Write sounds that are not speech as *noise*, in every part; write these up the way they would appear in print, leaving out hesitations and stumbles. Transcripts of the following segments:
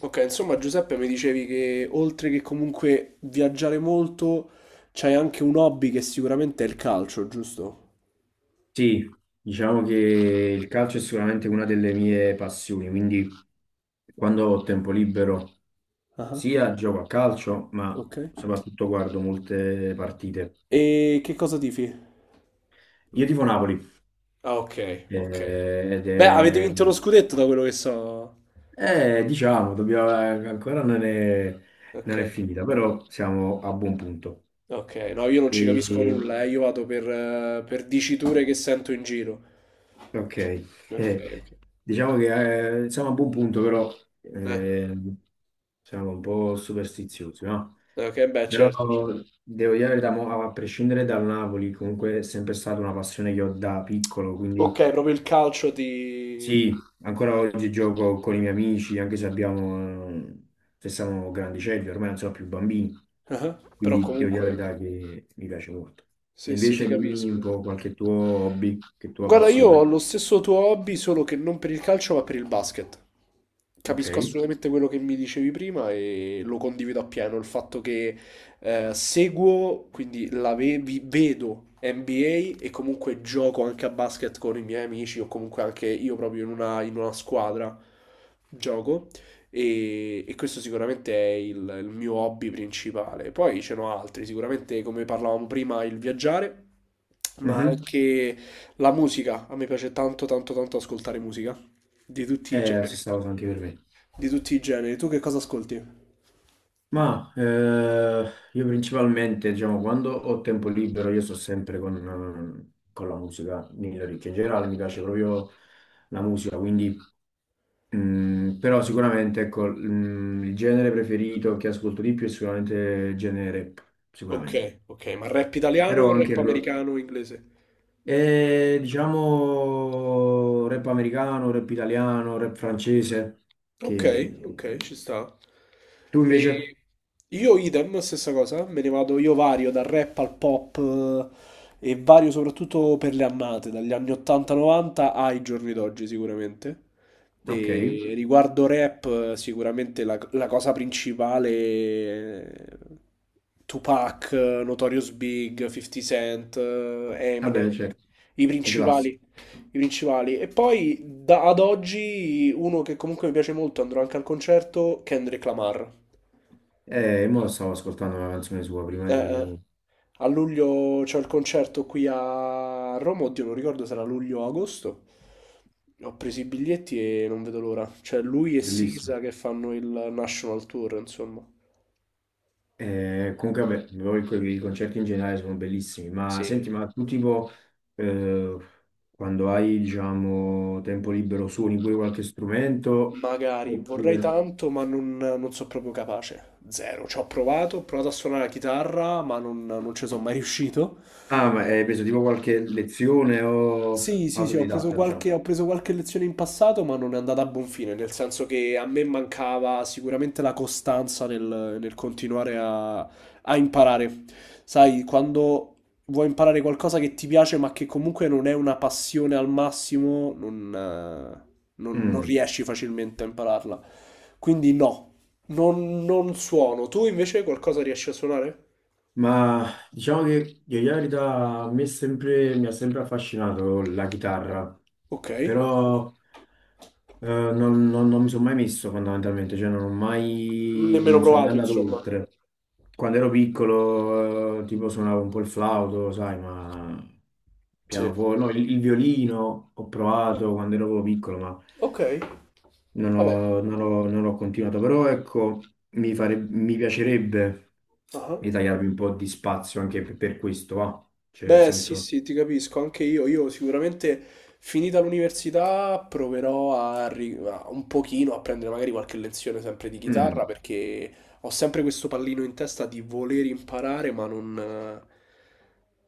Ok, insomma Giuseppe mi dicevi che oltre che comunque viaggiare molto, c'hai anche un hobby che sicuramente è il calcio, giusto? Sì, diciamo che il calcio è sicuramente una delle mie passioni, quindi quando ho tempo libero Ah, sia gioco a calcio, ma ok. soprattutto guardo molte partite. E che cosa tifi? Io tifo Napoli, Ah, ok, ok. eh, ed Beh, avete è, vinto lo scudetto da quello che so. Diciamo, dobbiamo, ancora non è, Ok, non è finita, però siamo a buon punto. ok. No, io non ci capisco E, nulla, eh. Io vado per diciture che sento in giro. ok, *laughs* Ok, eh, ok. diciamo che siamo a buon punto, però Eh, siamo un po' superstiziosi, no? ok, beh, Però certo, certo. devo dire la verità, mo, a prescindere dal Napoli, comunque è sempre stata una passione che ho da piccolo, quindi Ok, proprio il calcio ti... sì, ancora oggi gioco con i miei amici, anche se abbiamo, se siamo grandicelli, ormai non sono più bambini, Ah, però quindi devo dire la comunque... verità che mi piace molto. E Sì, sì, ti invece dimmi un capisco. po' qualche tuo hobby, che tua Guarda, io ho passione. lo stesso tuo hobby, solo che non per il calcio, ma per il basket. Capisco Ok. assolutamente quello che mi dicevi prima e lo condivido appieno. Il fatto che seguo, quindi la vedo NBA e comunque gioco anche a basket con i miei amici o comunque anche io proprio in una squadra gioco. E questo sicuramente è il mio hobby principale. Poi ce n'ho altri, sicuramente come parlavamo prima, il viaggiare, ma Mhm. anche la musica, a me piace tanto tanto tanto ascoltare musica, di tutti i È la generi, stessa cosa anche per me. di tutti i generi. Tu che cosa ascolti? Ma io principalmente, diciamo, quando ho tempo libero, io sto sempre con la musica nelle orecchie. In generale mi piace proprio la musica, quindi, però sicuramente, ecco, il genere preferito che ascolto di più è sicuramente il genere rap, Ok, sicuramente. ok, ma rap italiano Però o rap anche americano o inglese? e, diciamo, rap americano, rap italiano, rap francese, Ok, che. ok, ci sta. Tu invece? E io idem, stessa cosa, me ne vado, io vario dal rap al pop e vario soprattutto per le annate, dagli anni 80-90 ai giorni d'oggi sicuramente. Ok, E riguardo rap, sicuramente la cosa principale è Tupac, Notorious Big, 50 Cent, Eminem, vabbè, certo, i i principali classici. i principali. E poi ad oggi uno che comunque mi piace molto, andrò anche al concerto, Kendrick Lamar. Mo stavo ascoltando una canzone sua prima Mm, di. a luglio c'è il concerto qui a Roma, oddio non ricordo se era luglio o agosto. Ho preso i biglietti e non vedo l'ora. Cioè lui e Bellissimo. Sisa che fanno il National Tour, insomma. Comunque, vabbè, però i concerti in generale sono bellissimi, ma Sì. senti, ma tu tipo, eh, quando hai, diciamo, tempo libero suoni pure qualche strumento? Magari vorrei Oppure. tanto, ma non so proprio capace. Zero. Ci ho provato a suonare la chitarra, ma non ci sono mai riuscito. Ah, ma hai preso tipo qualche lezione o Sì, sì, sì, autodidatta, diciamo? Ho preso qualche lezione in passato, ma non è andata a buon fine, nel senso che a me mancava sicuramente la costanza nel continuare a imparare. Sai, quando vuoi imparare qualcosa che ti piace, ma che comunque non è una passione al massimo, non, non Mm. riesci facilmente a impararla. Quindi no, non suono. Tu invece qualcosa riesci a suonare? Ma diciamo che io la verità a me è sempre, mi ha sempre affascinato la chitarra, Ok, però non mi sono mai messo fondamentalmente, cioè non ho mai, nemmeno no, non sono mai provato, andato insomma. oltre. Quando ero piccolo, tipo suonavo un po' il flauto, sai, ma Sì. pianoforte, no, il violino ho provato quando ero piccolo, ma Ok, non vabbè. ho, non ho- non ho continuato. Però ecco, mi piacerebbe Ah. ritagliarmi un po' di spazio anche per questo, va. Cioè, nel Beh, sì, senso, sì, ti capisco, anche io. Io sicuramente finita l'università proverò un pochino a prendere magari qualche lezione sempre di chitarra mm. perché ho sempre questo pallino in testa di voler imparare, ma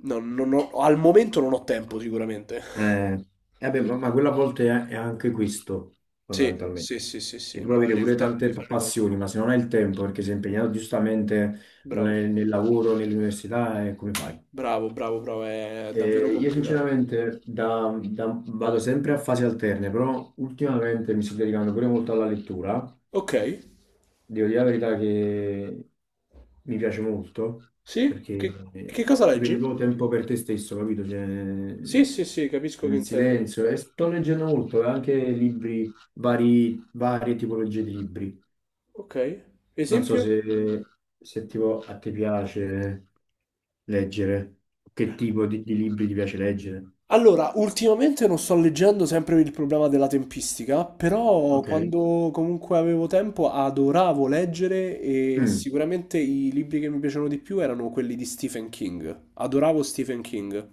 non ho- al momento non ho tempo sicuramente. Eh, eh beh, ma quella a volte è anche questo, Sì, fondamentalmente, sì, sì, sì, che sì, tu puoi non avere avere il pure tempo tante di fare le cose. passioni, ma se non hai il tempo, perché sei impegnato giustamente Bravo, nel lavoro, nell'università, come fai? bravo, bravo, bravo, è davvero Io complicato. sinceramente vado sempre a fasi alterne, però ultimamente mi sto dedicando pure molto alla lettura. Ok, Devo dire la verità che mi piace molto, sì? perché eh, Che cosa ti prendi leggi? proprio tempo per te stesso, capito? Cioè, Sì, sì, sì, capisco che nel intendi. silenzio. E sto leggendo molto, anche libri, varie tipologie di libri. Ok, Non so esempio? se tipo a te piace leggere, che tipo di libri ti piace leggere. Allora, ultimamente non sto leggendo sempre per il problema della tempistica, però Ok. quando comunque avevo tempo adoravo leggere e Mm. sicuramente i libri che mi piacevano di più erano quelli di Stephen King. Adoravo Stephen King.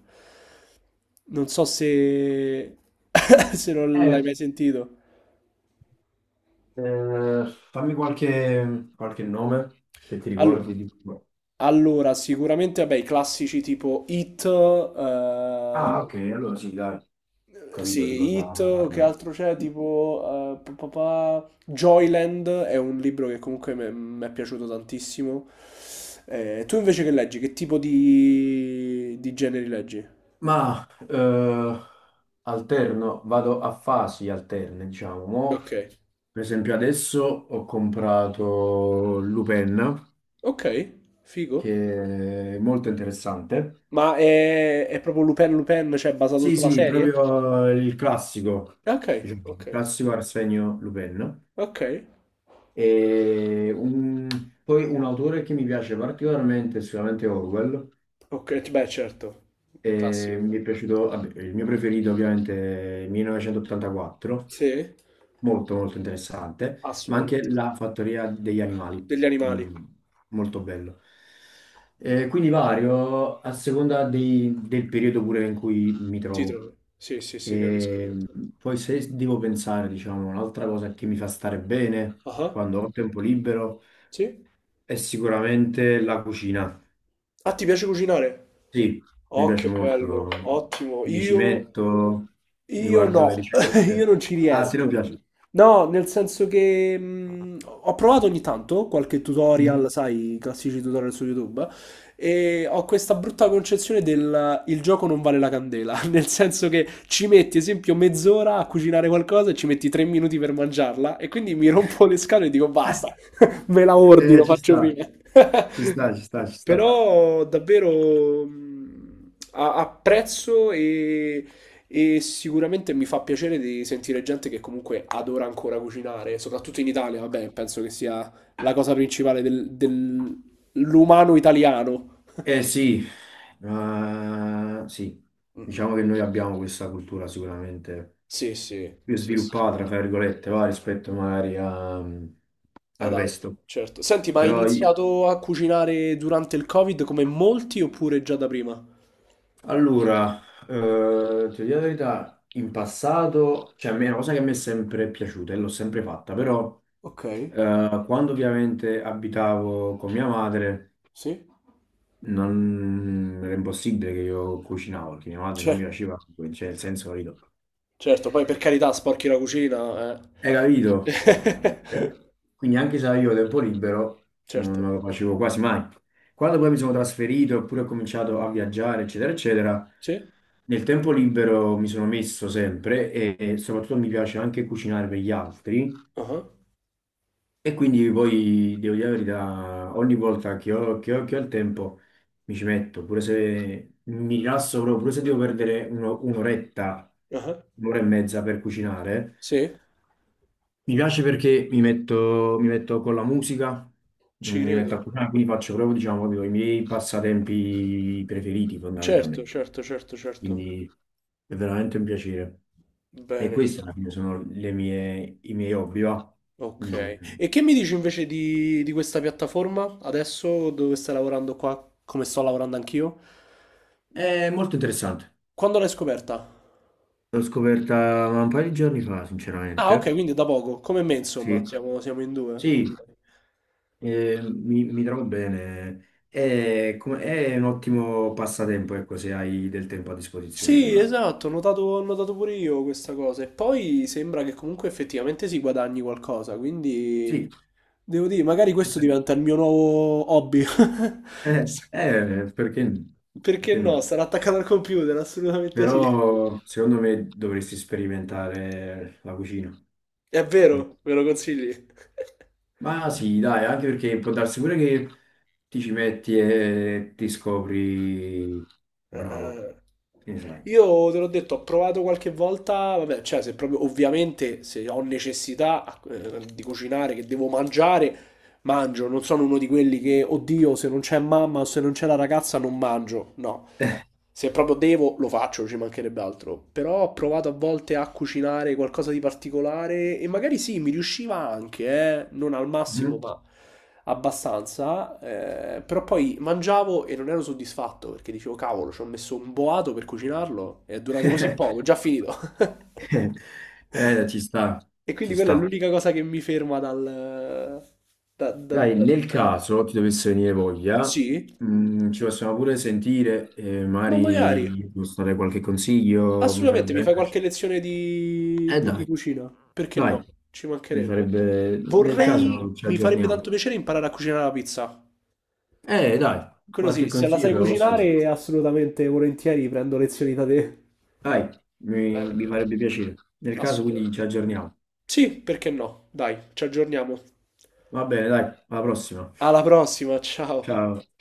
Non so se, *laughs* se non l'hai Eh, mai sentito. eh, Fammi qualche nome, se ti Allo- ricordi di. allora, sicuramente, vabbè, i classici tipo It, Ah, eh. ok, allora sì, dai, ho capito di Sì, cosa Hit, che parliamo. altro c'è? Tipo Joyland è un libro che comunque mi è piaciuto tantissimo. Tu invece che leggi? Che tipo di generi leggi? Ma alterno, vado a fasi alterne, diciamo. Mo Ok, Per esempio, adesso ho comprato Lupin, ok, figo. che è molto interessante. Ma è proprio Lupin Lupin, cioè basato Sì, sulla sì, serie? proprio il classico, Ok, diciamo, ok, il classico Arsenio Lupin. ok, E poi un autore che mi piace particolarmente è sicuramente Orwell. ok, beh certo, E classico. mi è piaciuto, vabbè, il mio preferito ovviamente è 1984, Sì, molto molto interessante, ma anche assolutamente sì. la fattoria degli animali, Degli animali, mm, molto bello. Quindi vario a seconda del periodo pure in cui mi si trovo. trova. Sì, sì, sì, capisco che E intendi. poi se devo pensare, diciamo, un'altra cosa che mi fa stare bene Ah. quando ho tempo libero Sì? è sicuramente la cucina. Ah, ti piace cucinare? Sì, mi Oh, piace che bello, molto, ottimo. mi ci Io, metto, mi Io guardo le no, *laughs* io ricette. non ci Ah, a te non riesco. piace? No, nel senso che ho provato ogni tanto qualche Mhm. tutorial, sai, i classici tutorial su YouTube, e ho questa brutta concezione del il gioco non vale la candela, *laughs* nel senso che ci metti, esempio, mezz'ora a cucinare qualcosa e ci metti tre minuti per mangiarla, e quindi mi rompo le scale e dico basta, *laughs* *laughs* me la ordino, Ci faccio sta. prima. *laughs* Ci sta, ci sta, ci sta. Però davvero apprezzo e sicuramente mi fa piacere di sentire gente che comunque adora ancora cucinare, soprattutto in Italia, vabbè, penso che sia la cosa principale dell'umano italiano. Eh sì, sì, Mm, diciamo che noi abbiamo questa cultura sicuramente sì, sì, più sì, sì. sviluppata, fra virgolette, va, rispetto magari al Ad altro, resto. certo. Senti, ma hai Però io- iniziato a cucinare durante il Covid come molti oppure già da prima? allora, ti dico la verità, in passato, cioè a me è una cosa che mi è sempre piaciuta e l'ho sempre fatta, però Ok, quando ovviamente abitavo con mia madre sì. non era impossibile che io cucinavo perché mia madre non Cioè, mi faceva, cioè nel senso, capito? certo, poi per carità sporchi la cucina, Hai capito? eh. Esattamente. *laughs* Quindi anche se avevo tempo libero, Certo. non lo facevo quasi mai. Quando poi mi sono trasferito, oppure ho cominciato a viaggiare, eccetera, eccetera, Sì? nel tempo libero mi sono messo sempre e soprattutto mi piace anche cucinare per gli altri. Ah, E quindi poi devo dire la verità, ogni volta che ho, che ho il tempo mi ci metto, pure se mi rilasso proprio, pure se devo perdere un'oretta, ah, un'ora e mezza per cucinare. sì, Mi piace perché mi metto con la musica, ci mi metto a credo. cucinare, quindi faccio proprio, diciamo, proprio i miei passatempi preferiti Certo, fondamentalmente. certo, certo, certo. Quindi è veramente un piacere. E Bene. questi alla fine sono i miei hobby, va? Mm. Ok. E che mi dici invece di questa piattaforma adesso dove stai lavorando qua, come sto lavorando anch'io? È molto interessante. Quando l'hai scoperta? L'ho scoperta un paio di giorni fa, Ah, ok, sinceramente. quindi da poco, come me insomma, Sì, siamo, siamo in due. sì, Ok. Mi trovo bene. È un ottimo passatempo, ecco, se hai del tempo a disposizione, Sì, sicuramente. esatto, ho notato pure io questa cosa. E poi sembra che comunque effettivamente si guadagni qualcosa, quindi Sì, devo dire, magari eh questo sì. diventa il mio nuovo hobby. *laughs* eh, eh, perché, Perché perché no? no? Sarà attaccato al computer, assolutamente sì. Però secondo me dovresti sperimentare la cucina. È vero, me lo consigli? *laughs* Ma sì, dai, anche perché può darsi pure che ti ci metti e ti scopri bravo, Ah. che ne sai. Io te l'ho detto, ho provato qualche volta, vabbè, cioè se proprio ovviamente se ho necessità di cucinare, che devo mangiare, mangio, non sono uno di quelli che, oddio, se non c'è mamma o se non c'è la ragazza non mangio, no. Se proprio devo, lo faccio, ci mancherebbe altro. Però ho provato a volte a cucinare qualcosa di particolare e magari sì, mi riusciva anche, non al massimo, ma abbastanza, però poi mangiavo e non ero soddisfatto perché dicevo, cavolo, ci ho messo un boato per cucinarlo e è durato così poco, è già *laughs* finito. *laughs* Ci sta, E quindi ci quella è sta. l'unica cosa che mi ferma dal... da- da- Dai, da- nel dal... caso ti dovesse venire voglia, Sì, ci possiamo pure sentire e ma magari magari, ti posso dare qualche consiglio, mi farebbe assolutamente, mi fai veramente qualche piacere. lezione di, di Dai, cucina, perché no? dai, Ci mi mancherebbe. farebbe. Nel Vorrei, caso ci mi farebbe aggiorniamo. tanto piacere imparare a cucinare la pizza. Dai, Quello qualche sì, se la consiglio sai te lo posso dare. cucinare, assolutamente, volentieri prendo lezioni da te. Dai, mi Bene, mi bene, farebbe piacere. Nel caso quindi assolutamente. ci aggiorniamo. Sì, perché no? Dai, ci aggiorniamo. Va bene, dai, alla prossima. Alla prossima, ciao. Ciao.